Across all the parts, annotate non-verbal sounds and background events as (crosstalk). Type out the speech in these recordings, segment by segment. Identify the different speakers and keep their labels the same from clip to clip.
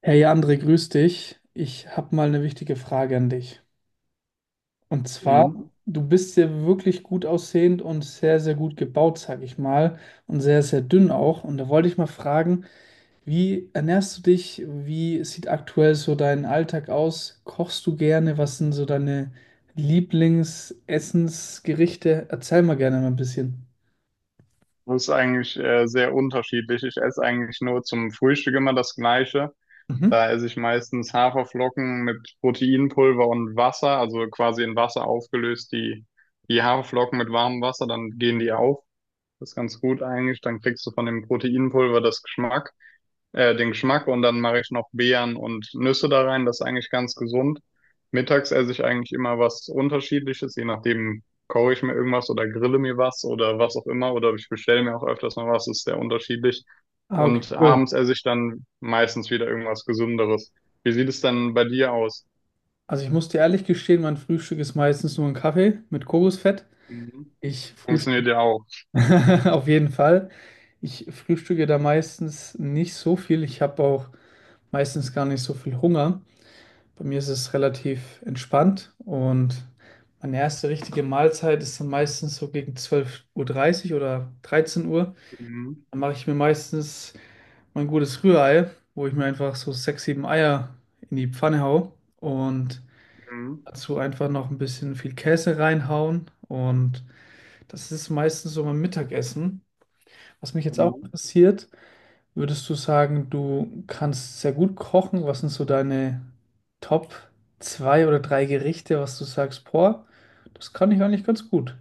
Speaker 1: Hey André, grüß dich. Ich habe mal eine wichtige Frage an dich. Und zwar,
Speaker 2: Mhm.
Speaker 1: du bist ja wirklich gut aussehend und sehr, sehr gut gebaut, sag ich mal, und sehr, sehr dünn auch. Und da wollte ich mal fragen, wie ernährst du dich? Wie sieht aktuell so dein Alltag aus? Kochst du gerne? Was sind so deine Lieblingsessensgerichte? Erzähl mal gerne mal ein bisschen.
Speaker 2: Das ist eigentlich sehr unterschiedlich. Ich esse eigentlich nur zum Frühstück immer das Gleiche.
Speaker 1: Mhm.
Speaker 2: Da esse ich meistens Haferflocken mit Proteinpulver und Wasser, also quasi in Wasser aufgelöst, die Haferflocken mit warmem Wasser, dann gehen die auf. Das ist ganz gut eigentlich. Dann kriegst du von dem Proteinpulver das Geschmack. Den Geschmack und dann mache ich noch Beeren und Nüsse da rein. Das ist eigentlich ganz gesund. Mittags esse ich eigentlich immer was Unterschiedliches, je nachdem koche ich mir irgendwas oder grille mir was oder was auch immer oder ich bestelle mir auch öfters mal was, ist sehr unterschiedlich.
Speaker 1: Ah, okay,
Speaker 2: Und
Speaker 1: cool.
Speaker 2: abends esse ich dann meistens wieder irgendwas Gesünderes. Wie sieht es dann bei dir aus?
Speaker 1: Also ich muss dir ehrlich gestehen, mein Frühstück ist meistens nur ein Kaffee mit Kokosfett.
Speaker 2: Mhm.
Speaker 1: Ich frühstücke
Speaker 2: Funktioniert ja auch.
Speaker 1: (laughs) auf jeden Fall. Ich frühstücke da meistens nicht so viel. Ich habe auch meistens gar nicht so viel Hunger. Bei mir ist es relativ entspannt und meine erste richtige Mahlzeit ist dann meistens so gegen 12:30 Uhr oder 13 Uhr.
Speaker 2: Mhm.
Speaker 1: Dann mache ich mir meistens mein gutes Rührei, wo ich mir einfach so sechs, sieben Eier in die Pfanne hau und
Speaker 2: Mhm.
Speaker 1: dazu einfach noch ein bisschen viel Käse reinhauen. Und das ist meistens so mein Mittagessen. Was mich jetzt auch
Speaker 2: Mhm.
Speaker 1: interessiert, würdest du sagen, du kannst sehr gut kochen? Was sind so deine Top zwei oder drei Gerichte, was du sagst, boah, das kann ich eigentlich ganz gut.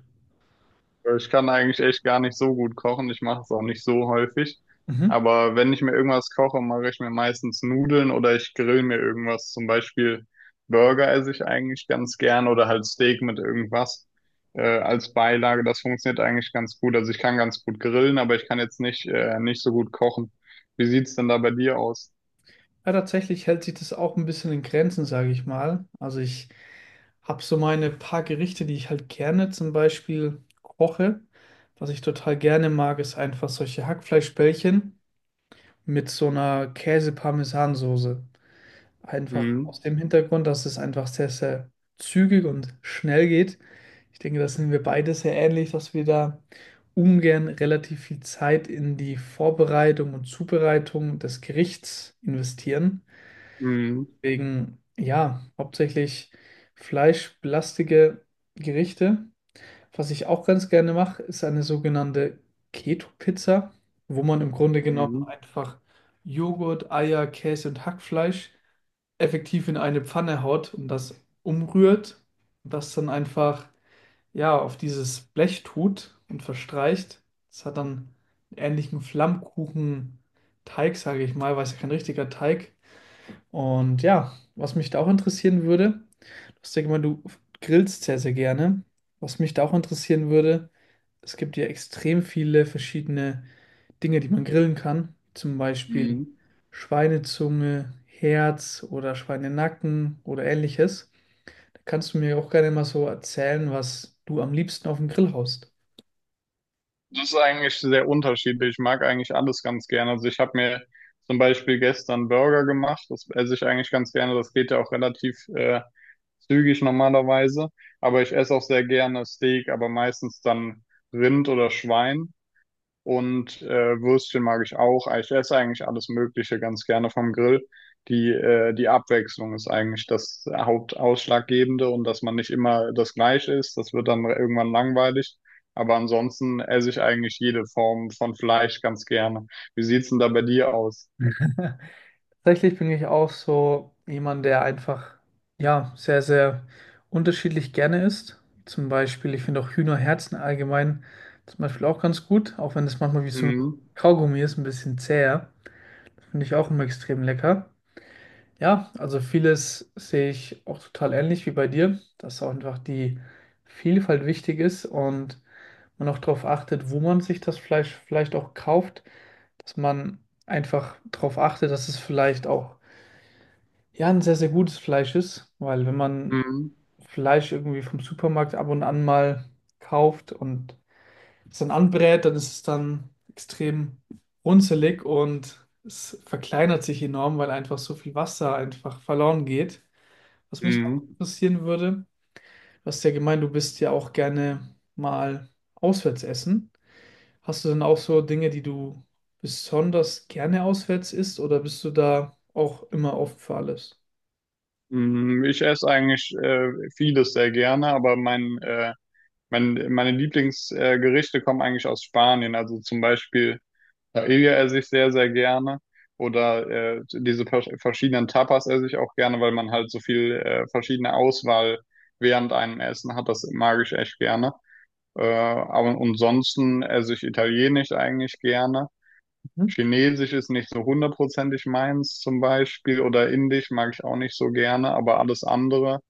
Speaker 2: Ich kann eigentlich echt gar nicht so gut kochen. Ich mache es auch nicht so häufig.
Speaker 1: Mhm.
Speaker 2: Aber wenn ich mir irgendwas koche, mache ich mir meistens Nudeln oder ich grill mir irgendwas. Zum Beispiel Burger esse ich eigentlich ganz gern oder halt Steak mit irgendwas als Beilage. Das funktioniert eigentlich ganz gut. Also ich kann ganz gut grillen, aber ich kann jetzt nicht, nicht so gut kochen. Wie sieht's denn da bei dir aus?
Speaker 1: Ja, tatsächlich hält sich das auch ein bisschen in Grenzen, sage ich mal. Also ich habe so meine paar Gerichte, die ich halt gerne zum Beispiel koche. Was ich total gerne mag, ist einfach solche Hackfleischbällchen mit so einer Käse-Parmesan-Soße. Einfach aus
Speaker 2: Mhm.
Speaker 1: dem Hintergrund, dass es einfach sehr, sehr zügig und schnell geht. Ich denke, das sind wir beide sehr ähnlich, dass wir da ungern relativ viel Zeit in die Vorbereitung und Zubereitung des Gerichts investieren.
Speaker 2: Mhm.
Speaker 1: Deswegen, ja, hauptsächlich fleischbelastige Gerichte. Was ich auch ganz gerne mache, ist eine sogenannte Keto-Pizza, wo man im Grunde genommen
Speaker 2: Mhm.
Speaker 1: einfach Joghurt, Eier, Käse und Hackfleisch effektiv in eine Pfanne haut und das umrührt und das dann einfach ja auf dieses Blech tut und verstreicht. Das hat dann einen ähnlichen Flammkuchenteig, sage ich mal, weil es ja kein richtiger Teig. Und ja, was mich da auch interessieren würde, du hast ja gemeint, du grillst sehr, sehr gerne. Was mich da auch interessieren würde, es gibt ja extrem viele verschiedene Dinge, die man grillen kann, zum Beispiel
Speaker 2: Mhm.
Speaker 1: Schweinezunge, Herz oder Schweinenacken oder ähnliches. Da kannst du mir auch gerne mal so erzählen, was du am liebsten auf dem Grill haust.
Speaker 2: Das ist eigentlich sehr unterschiedlich. Ich mag eigentlich alles ganz gerne. Also ich habe mir zum Beispiel gestern Burger gemacht. Das esse ich eigentlich ganz gerne. Das geht ja auch relativ zügig normalerweise. Aber ich esse auch sehr gerne Steak, aber meistens dann Rind oder Schwein. Und Würstchen mag ich auch. Ich esse eigentlich alles Mögliche ganz gerne vom Grill. Die Abwechslung ist eigentlich das Hauptausschlaggebende und dass man nicht immer das Gleiche isst. Das wird dann irgendwann langweilig. Aber ansonsten esse ich eigentlich jede Form von Fleisch ganz gerne. Wie sieht's denn da bei dir aus?
Speaker 1: Tatsächlich bin ich auch so jemand, der einfach, ja, sehr, sehr unterschiedlich gerne isst. Zum Beispiel, ich finde auch Hühnerherzen allgemein zum Beispiel auch ganz gut, auch wenn es manchmal wie so ein
Speaker 2: Mhm.
Speaker 1: Kaugummi ist, ein bisschen zäher. Finde ich auch immer extrem lecker. Ja, also vieles sehe ich auch total ähnlich wie bei dir, dass auch einfach die Vielfalt wichtig ist und man auch darauf achtet, wo man sich das Fleisch vielleicht auch kauft, dass man einfach darauf achtet, dass es vielleicht auch ja ein sehr, sehr gutes Fleisch ist, weil wenn man
Speaker 2: Mhm.
Speaker 1: Fleisch irgendwie vom Supermarkt ab und an mal kauft und es dann anbrät, dann ist es dann extrem runzelig und es verkleinert sich enorm, weil einfach so viel Wasser einfach verloren geht. Was mich noch
Speaker 2: Mhm.
Speaker 1: interessieren würde, du hast ja gemeint, du bist ja auch gerne mal auswärts essen. Hast du denn auch so Dinge, die du besonders gerne auswärts isst oder bist du da auch immer offen für alles?
Speaker 2: Mhm. Ich esse eigentlich vieles sehr gerne, aber meine Lieblingsgerichte Gerichte kommen eigentlich aus Spanien. Also zum Beispiel Paella esse ich sehr, sehr gerne. Oder diese verschiedenen Tapas esse ich auch gerne, weil man halt so viel verschiedene Auswahl während einem Essen hat. Das mag ich echt gerne. Aber ansonsten esse ich Italienisch eigentlich gerne.
Speaker 1: Mhm.
Speaker 2: Chinesisch ist nicht so hundertprozentig meins zum Beispiel. Oder Indisch mag ich auch nicht so gerne. Aber alles andere,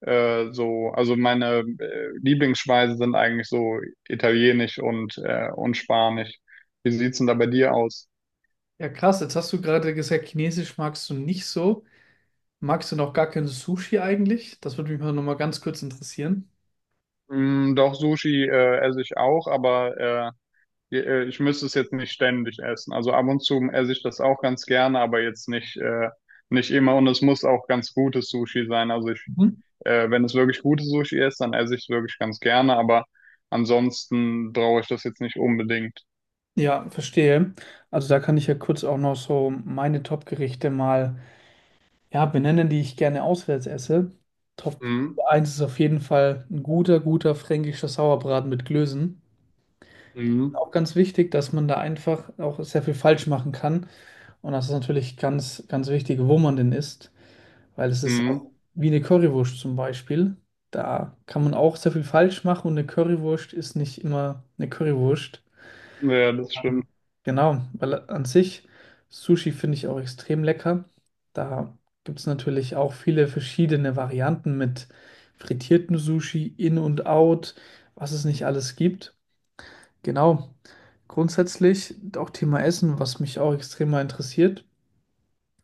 Speaker 2: also meine Lieblingsspeisen sind eigentlich so Italienisch und und Spanisch. Wie sieht's denn da bei dir aus?
Speaker 1: Ja, krass, jetzt hast du gerade gesagt, Chinesisch magst du nicht so. Magst du noch gar kein Sushi eigentlich? Das würde mich mal nochmal ganz kurz interessieren.
Speaker 2: Mm, doch, Sushi esse ich auch, aber ich müsste es jetzt nicht ständig essen. Also ab und zu esse ich das auch ganz gerne, aber jetzt nicht, nicht immer. Und es muss auch ganz gutes Sushi sein.
Speaker 1: Mhm.
Speaker 2: Wenn es wirklich gutes Sushi ist, dann esse ich es wirklich ganz gerne, aber ansonsten brauche ich das jetzt nicht unbedingt.
Speaker 1: Ja, verstehe. Also da kann ich ja kurz auch noch so meine Top-Gerichte mal ja, benennen, die ich gerne auswärts esse. Top
Speaker 2: Mhm.
Speaker 1: eins ist auf jeden Fall ein guter, guter fränkischer Sauerbraten mit Klößen.
Speaker 2: Mhm.
Speaker 1: Auch ganz wichtig, dass man da einfach auch sehr viel falsch machen kann. Und das ist natürlich ganz, ganz wichtig, wo man denn isst, weil es ist auch
Speaker 2: Mhm.
Speaker 1: wie eine Currywurst zum Beispiel. Da kann man auch sehr viel falsch machen und eine Currywurst ist nicht immer eine Currywurst.
Speaker 2: Ja, das
Speaker 1: Ähm,
Speaker 2: stimmt.
Speaker 1: Genau, weil an sich Sushi finde ich auch extrem lecker. Da gibt es natürlich auch viele verschiedene Varianten mit frittiertem Sushi, In und Out, was es nicht alles gibt. Genau, grundsätzlich auch Thema Essen, was mich auch extrem mal interessiert.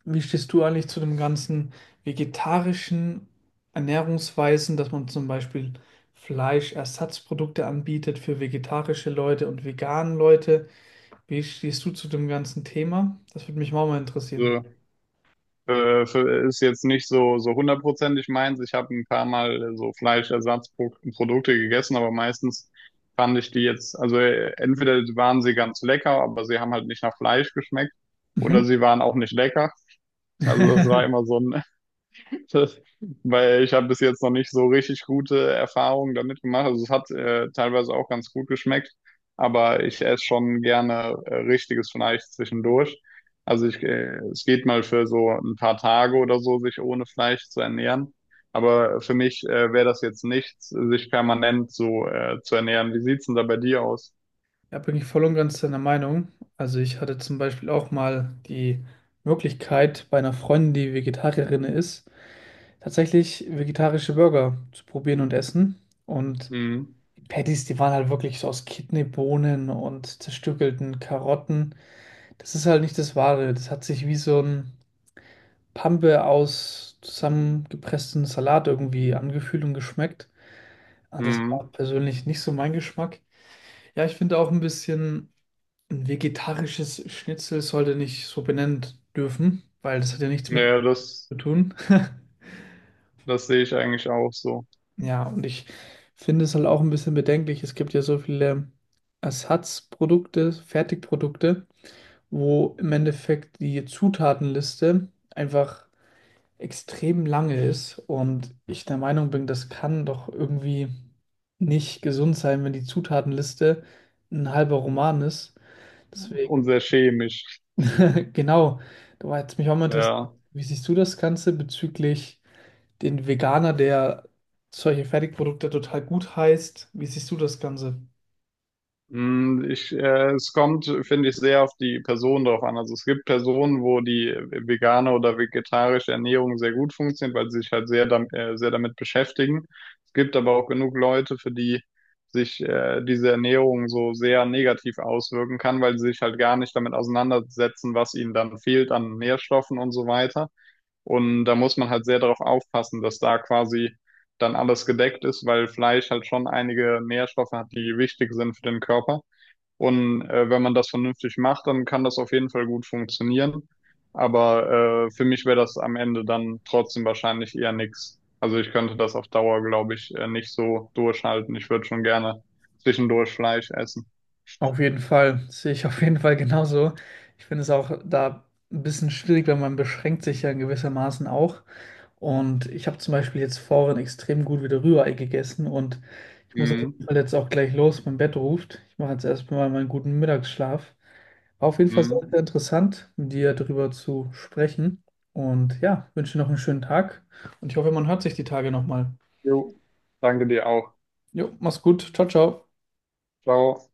Speaker 1: Wie stehst du eigentlich zu dem ganzen vegetarischen Ernährungsweisen, dass man zum Beispiel Fleischersatzprodukte anbietet für vegetarische Leute und veganen Leute? Wie stehst du zu dem ganzen Thema? Das würde mich auch mal interessieren.
Speaker 2: Ja. Ist jetzt nicht so, so hundertprozentig meins. Ich habe ein paar Mal so Fleischersatzprodukte gegessen, aber meistens fand ich die jetzt, also entweder waren sie ganz lecker, aber sie haben halt nicht nach Fleisch geschmeckt
Speaker 1: Mhm.
Speaker 2: oder sie waren auch nicht lecker. Also das war immer
Speaker 1: (laughs)
Speaker 2: so ein (laughs) Weil ich habe bis jetzt noch nicht so richtig gute Erfahrungen damit gemacht. Also es hat teilweise auch ganz gut geschmeckt, aber ich esse schon gerne richtiges Fleisch zwischendurch. Es geht mal für so ein paar Tage oder so, sich ohne Fleisch zu ernähren. Aber für mich wäre das jetzt nichts, sich permanent so zu ernähren. Wie sieht's denn da bei dir aus?
Speaker 1: Da bin ich voll und ganz deiner Meinung. Also ich hatte zum Beispiel auch mal die Möglichkeit, bei einer Freundin, die Vegetarierin ist, tatsächlich vegetarische Burger zu probieren und essen. Und
Speaker 2: Mhm.
Speaker 1: die Patties, die waren halt wirklich so aus Kidneybohnen und zerstückelten Karotten. Das ist halt nicht das Wahre. Das hat sich wie so ein Pampe aus zusammengepresstem Salat irgendwie angefühlt und geschmeckt. Ah, das
Speaker 2: Mhm.
Speaker 1: war persönlich nicht so mein Geschmack. Ja, ich finde auch ein bisschen, ein vegetarisches Schnitzel sollte nicht so benannt dürfen, weil das hat ja nichts mit
Speaker 2: Ja,
Speaker 1: zu tun. (laughs)
Speaker 2: das sehe ich eigentlich auch so.
Speaker 1: Ja, und ich finde es halt auch ein bisschen bedenklich. Es gibt ja so viele Ersatzprodukte, Fertigprodukte, wo im Endeffekt die Zutatenliste einfach extrem lange ist und ich der Meinung bin, das kann doch irgendwie nicht gesund sein, wenn die Zutatenliste ein halber Roman ist.
Speaker 2: Und
Speaker 1: Deswegen,
Speaker 2: sehr chemisch.
Speaker 1: (laughs) genau, da war jetzt mich auch mal interessiert,
Speaker 2: Ja.
Speaker 1: wie siehst du das Ganze bezüglich den Veganer, der solche Fertigprodukte total gut heißt? Wie siehst du das Ganze?
Speaker 2: Mm, ich, es kommt, finde ich, sehr auf die Person drauf an. Also es gibt Personen, wo die vegane oder vegetarische Ernährung sehr gut funktioniert, weil sie sich halt sehr damit beschäftigen. Es gibt aber auch genug Leute, für die sich diese Ernährung so sehr negativ auswirken kann, weil sie sich halt gar nicht damit auseinandersetzen, was ihnen dann fehlt an Nährstoffen und so weiter. Und da muss man halt sehr darauf aufpassen, dass da quasi dann alles gedeckt ist, weil Fleisch halt schon einige Nährstoffe hat, die wichtig sind für den Körper. Und wenn man das vernünftig macht, dann kann das auf jeden Fall gut funktionieren. Aber für mich wäre das am Ende dann trotzdem wahrscheinlich eher nix. Also ich könnte das auf Dauer, glaube ich, nicht so durchhalten. Ich würde schon gerne zwischendurch Fleisch essen.
Speaker 1: Auf jeden Fall, sehe ich auf jeden Fall genauso. Ich finde es auch da ein bisschen schwierig, weil man beschränkt sich ja in gewissermaßen auch. Und ich habe zum Beispiel jetzt vorhin extrem gut wieder Rührei gegessen und ich muss auf jeden
Speaker 2: Mhm.
Speaker 1: Fall jetzt auch gleich los, mein Bett ruft. Ich mache jetzt erstmal meinen guten Mittagsschlaf. War auf jeden Fall sehr,
Speaker 2: Mhm.
Speaker 1: sehr interessant, mit dir darüber zu sprechen. Und ja, wünsche dir noch einen schönen Tag und ich hoffe, man hört sich die Tage nochmal.
Speaker 2: Jo. Danke dir auch.
Speaker 1: Jo, mach's gut. Ciao, ciao.
Speaker 2: Ciao.